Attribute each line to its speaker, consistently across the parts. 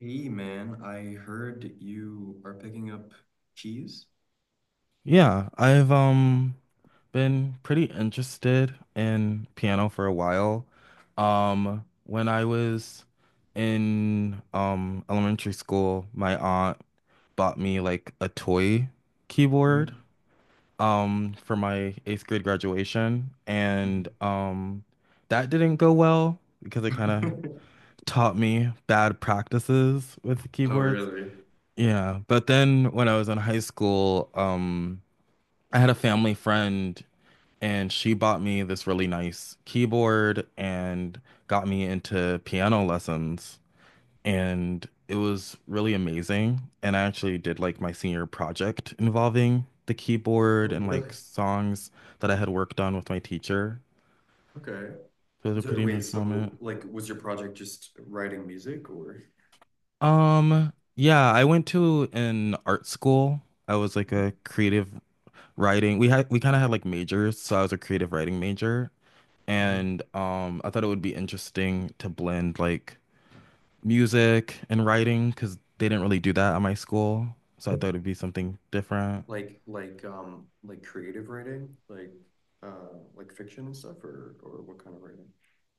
Speaker 1: Hey man, I heard you are picking up keys.
Speaker 2: Yeah, I've been pretty interested in piano for a while. When I was in elementary school, my aunt bought me like a toy keyboard
Speaker 1: Hmm.
Speaker 2: for my eighth grade graduation, and that didn't go well because it kind of taught me bad practices with
Speaker 1: Oh,
Speaker 2: keyboards.
Speaker 1: really?
Speaker 2: Yeah, but then when I was in high school, I had a family friend and she bought me this really nice keyboard and got me into piano lessons, and it was really amazing, and I actually did like my senior project involving the keyboard
Speaker 1: Oh,
Speaker 2: and
Speaker 1: really?
Speaker 2: like songs that I had worked on with my teacher.
Speaker 1: Okay.
Speaker 2: So it was a
Speaker 1: So,
Speaker 2: pretty
Speaker 1: wait,
Speaker 2: nice moment.
Speaker 1: so like was your project just writing music or...
Speaker 2: Yeah, I went to an art school. I was like a
Speaker 1: Mhm.
Speaker 2: creative writing. We kind of had like majors, so I was a creative writing major.
Speaker 1: Mhm.
Speaker 2: And I thought it would be interesting to blend like music and writing because they didn't really do that at my school. So I thought it'd be something different.
Speaker 1: Like like creative writing? Like fiction and stuff or what kind of writing?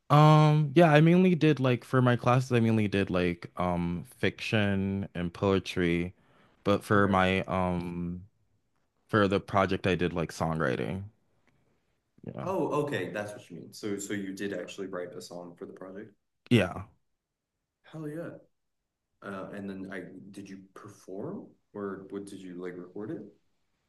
Speaker 2: Yeah, I mainly did like for my classes, I mainly did like fiction and poetry, but
Speaker 1: Okay.
Speaker 2: for the project I did like songwriting. Yeah.
Speaker 1: Oh, okay, that's what you mean. So you did actually write a song for the project?
Speaker 2: Yeah.
Speaker 1: Hell yeah. And then I Did you perform or what, did you like record it?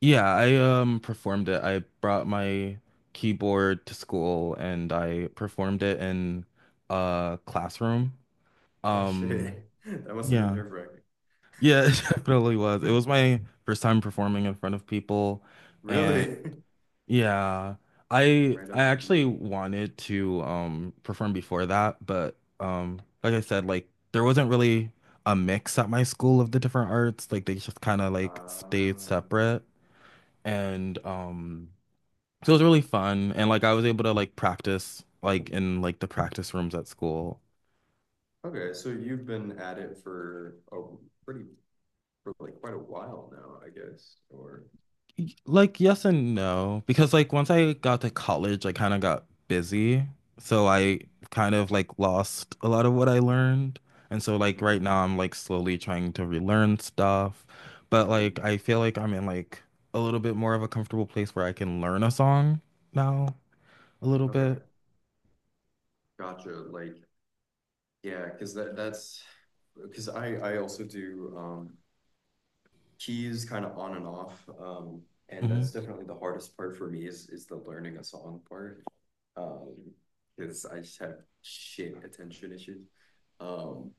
Speaker 2: Yeah, I performed it. I brought my keyboard to school and I performed it in a classroom.
Speaker 1: Oh
Speaker 2: Um,
Speaker 1: shit. That must have been
Speaker 2: yeah,
Speaker 1: nerve wracking.
Speaker 2: yeah, it definitely was. It was my first time performing in front of people, and
Speaker 1: Really?
Speaker 2: yeah, I
Speaker 1: Right
Speaker 2: I
Speaker 1: up the deep.
Speaker 2: actually wanted to perform before that, but like I said, like there wasn't really a mix at my school of the different arts. Like they just kind of like stayed
Speaker 1: Um,
Speaker 2: separate, and so it was really fun, and like I was able to like practice like in like the practice rooms at school.
Speaker 1: okay, so you've been at it for a pretty for like quite a while now, I guess. Or...
Speaker 2: Like yes and no, because like once I got to college, I kind of got busy. So
Speaker 1: Mhm.
Speaker 2: I kind of like lost a lot of what I learned. And so like
Speaker 1: Mhm.
Speaker 2: right now I'm like slowly trying to relearn stuff. But like
Speaker 1: Mm.
Speaker 2: I feel like I'm in like a little bit more of a comfortable place where I can learn a song now a little bit.
Speaker 1: Okay, gotcha. Like yeah, because that's because I also do keys kind of on and off. And
Speaker 2: Hmm.
Speaker 1: that's definitely the hardest part for me is the learning a song part. Um, because I just have shit attention issues. Um,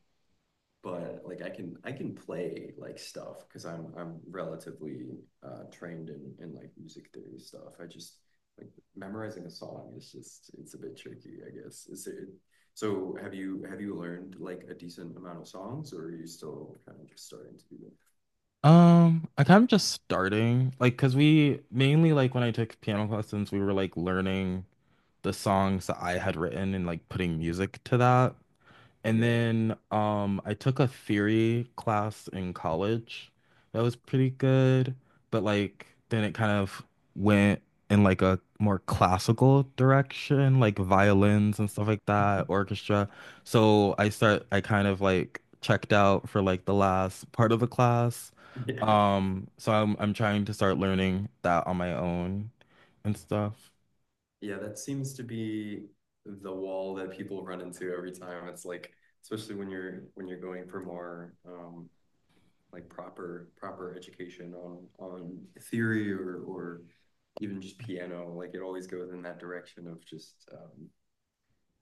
Speaker 1: but like I can play like stuff because I'm relatively trained in like music theory stuff. I just like memorizing a song is just it's a bit tricky, I guess. Is it have you learned like a decent amount of songs or are you still kind of just starting to do that?
Speaker 2: I kind of just starting like because we mainly like when I took piano lessons, we were like learning the songs that I had written and like putting music to that. And
Speaker 1: Yeah.
Speaker 2: then I took a theory class in college. That was pretty good, but like then it kind of went in like a more classical direction, like violins and stuff like that, orchestra. So I kind of like checked out for like the last part of the class.
Speaker 1: Yeah.
Speaker 2: So I'm trying to start learning that on my own and stuff.
Speaker 1: Yeah, that seems to be the wall that people run into every time. It's like, especially when you're going for more like proper education on theory or even just piano, like it always goes in that direction of just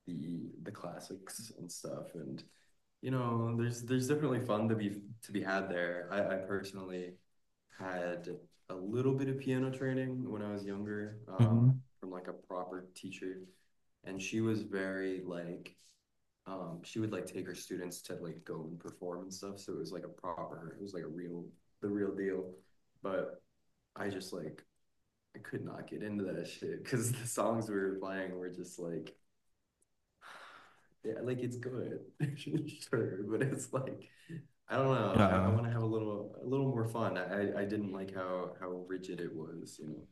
Speaker 1: the classics and stuff and you know there's definitely fun to be had there. I personally had a little bit of piano training when I was younger,
Speaker 2: Mm-hmm.
Speaker 1: from like a proper teacher, and she was very like, she would like take her students to like go and perform and stuff, so it was like a proper, it was like a real, the real deal, but I just like I could not get into that shit because the songs we were playing were just like, yeah, like it's good, sure, but it's like I don't know. I
Speaker 2: Yeah.
Speaker 1: want to have a little more fun. I didn't like how rigid it was. You know,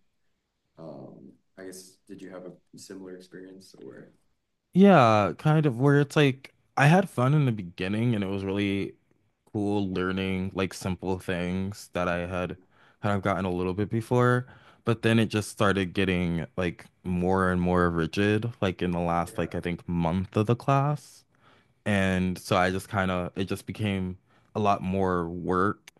Speaker 1: I guess did you have a similar experience, or?
Speaker 2: Yeah, kind of where it's like I had fun in the beginning, and it was really cool learning like simple things that I had kind of gotten a little bit before, but then it just started getting like more and more rigid like in the last like
Speaker 1: Yeah.
Speaker 2: I think month of the class. And so I just kind of it just became a lot more work,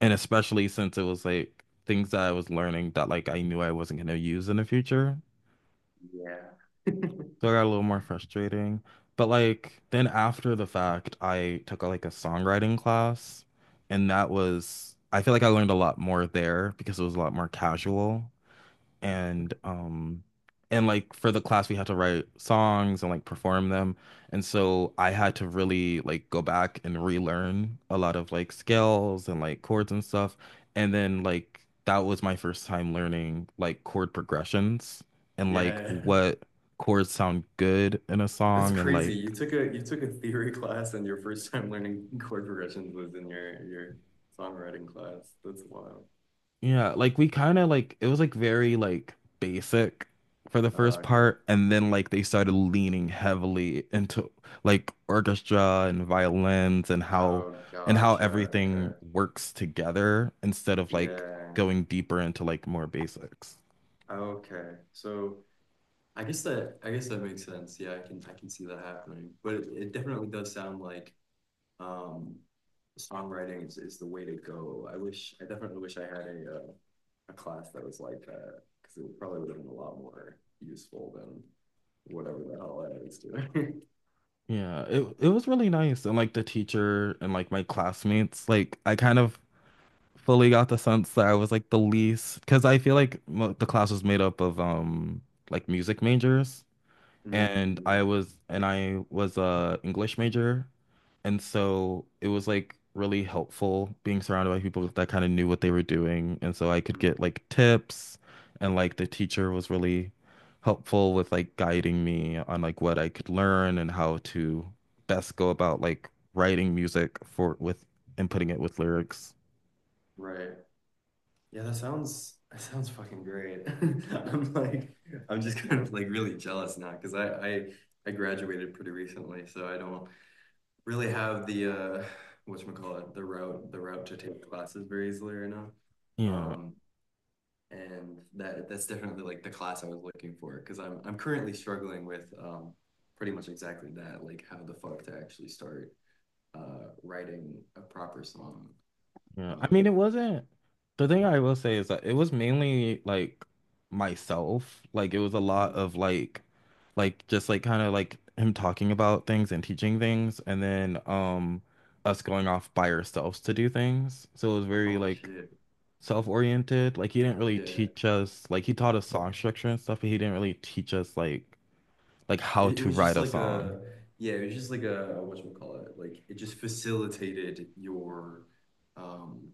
Speaker 2: and especially since it was like things that I was learning that like I knew I wasn't going to use in the future.
Speaker 1: Yeah.
Speaker 2: So I got a little more frustrating. But like then after the fact, I took like a songwriting class, and that was, I feel like I learned a lot more there because it was a lot more casual, and and like for the class we had to write songs and like perform them, and so I had to really like go back and relearn a lot of like scales and like chords and stuff, and then like that was my first time learning like chord progressions and like
Speaker 1: Yeah.
Speaker 2: what chords sound good in a
Speaker 1: That's
Speaker 2: song and
Speaker 1: crazy.
Speaker 2: like.
Speaker 1: You took a theory class and your first time learning chord progressions was in your songwriting class. That's wild.
Speaker 2: Yeah, like we kind of like it was like very like basic for the
Speaker 1: Oh,
Speaker 2: first
Speaker 1: okay.
Speaker 2: part, and then like they started leaning heavily into like orchestra and violins, and how
Speaker 1: Oh, gotcha.
Speaker 2: everything
Speaker 1: Okay.
Speaker 2: works together instead of like
Speaker 1: Yeah.
Speaker 2: going deeper into like more basics.
Speaker 1: Okay. So I guess that makes sense. Yeah, I can see that happening. But it definitely does sound like um songwriting is the way to go. I wish, I definitely wish I had a class that was like that because it probably would have been a lot more useful than whatever the hell I was doing.
Speaker 2: Yeah, it was really nice, and like the teacher and like my classmates, like I kind of fully got the sense that I was like the least because I feel like the class was made up of like music majors. and
Speaker 1: Mm.
Speaker 2: I was and I was a English major, and so it was like really helpful being surrounded by people that kind of knew what they were doing, and so I could
Speaker 1: Mm.
Speaker 2: get like tips, and like the teacher was really helpful with like guiding me on like what I could learn and how to best go about like writing music for with and putting it with lyrics.
Speaker 1: Right. Yeah, that sounds, that sounds fucking great. I'm like, I'm just kind of like really jealous now because I I graduated pretty recently, so I don't really have the whatchamacallit, the route to take classes very easily right now.
Speaker 2: Yeah.
Speaker 1: Um, and that that's definitely like the class I was looking for because I'm currently struggling with pretty much exactly that, like how the fuck to actually start writing a proper song.
Speaker 2: Yeah, I
Speaker 1: Um,
Speaker 2: mean, it wasn't. The thing I will say is that it was mainly like myself. Like it was a lot
Speaker 1: Mhm.
Speaker 2: of like, just like kind of like him talking about things and teaching things, and then us going off by ourselves to do things. So it was very
Speaker 1: Oh
Speaker 2: like
Speaker 1: shit.
Speaker 2: self-oriented. Like he didn't really
Speaker 1: Yeah.
Speaker 2: teach us. Like he taught us song structure and stuff, but he didn't really teach us like how
Speaker 1: It
Speaker 2: to
Speaker 1: was just
Speaker 2: write a
Speaker 1: like
Speaker 2: song.
Speaker 1: a, yeah, it was just like a whatchamacallit, like it just facilitated your um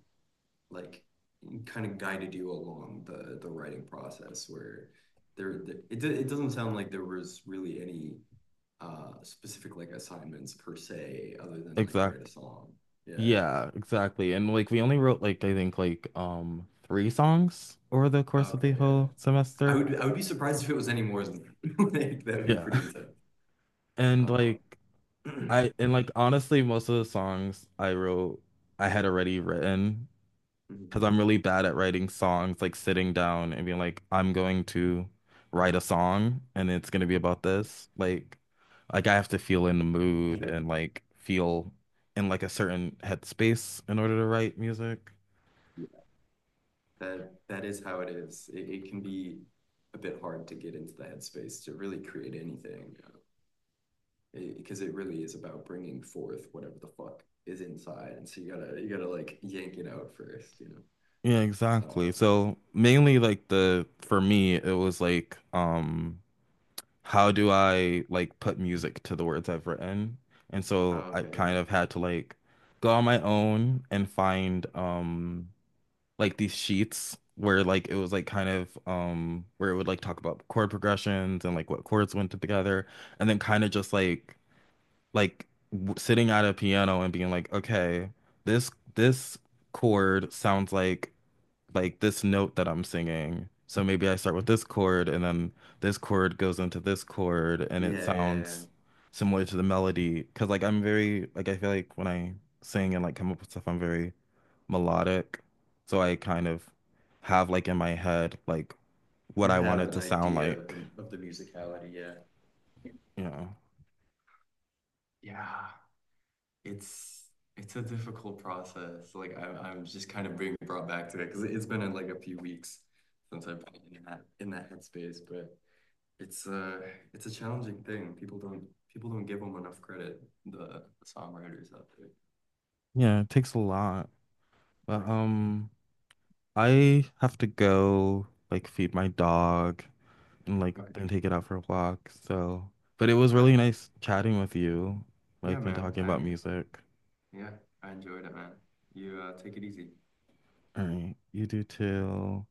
Speaker 1: like kind of guided you along the writing process where there it, it doesn't sound like there was really any specific like assignments per se other than like write a
Speaker 2: Exactly.
Speaker 1: song. Yeah.
Speaker 2: Yeah, exactly. And like we only wrote like I think like three songs over the course of
Speaker 1: Okay.
Speaker 2: the
Speaker 1: Yeah,
Speaker 2: whole
Speaker 1: I
Speaker 2: semester.
Speaker 1: would I would be surprised if it was any more than like that would be
Speaker 2: Yeah.
Speaker 1: pretty intense.
Speaker 2: And like
Speaker 1: um
Speaker 2: and like honestly most of the songs I wrote I had already written because I'm really bad at writing songs like sitting down and being like I'm going to write a song and it's going to be about this. Like I have to feel in the mood and like feel in like a certain headspace in order to write music.
Speaker 1: yeah, that that is how it is, it can be a bit hard to get into the headspace to really create anything, you know? Because it really is about bringing forth whatever the fuck is inside, and so you gotta like yank it out first, you
Speaker 2: Yeah,
Speaker 1: know.
Speaker 2: exactly. So mainly like the for me it was like how do I like put music to the words I've written? And so
Speaker 1: Oh,
Speaker 2: I kind
Speaker 1: okay.
Speaker 2: of had to like go on my own and find like these sheets where like it was like kind of where it would like talk about chord progressions and like what chords went together, and then kind of just like w sitting at a piano and being like, okay, this this chord sounds like this note that I'm singing. So maybe I start with this chord, and then this chord goes into this chord, and it
Speaker 1: Yeah. Yeah, yeah, yeah.
Speaker 2: sounds similar to the melody. Cause like I'm very like I feel like when I sing and like come up with stuff, I'm very melodic. So I kind of have like in my head like, what I
Speaker 1: You
Speaker 2: want
Speaker 1: have
Speaker 2: it
Speaker 1: an
Speaker 2: to sound
Speaker 1: idea
Speaker 2: like,
Speaker 1: of the musicality, yeah.
Speaker 2: you know.
Speaker 1: Yeah. it's it's a difficult process, like I, I'm just kind of being brought back to it because it's been in like a few weeks since I've been in that headspace, but it's uh it's a challenging thing, people don't, people don't give them enough credit, the songwriters out there.
Speaker 2: Yeah, it takes a lot.
Speaker 1: Yeah.
Speaker 2: But I have to go like feed my dog and like
Speaker 1: Okay.
Speaker 2: then take it out for a walk. So, but it was
Speaker 1: All
Speaker 2: really
Speaker 1: right.
Speaker 2: nice chatting with you,
Speaker 1: Yeah,
Speaker 2: like and
Speaker 1: man.
Speaker 2: talking about
Speaker 1: I,
Speaker 2: music.
Speaker 1: yeah, I enjoyed it, man. You, take it easy.
Speaker 2: All right, you do too.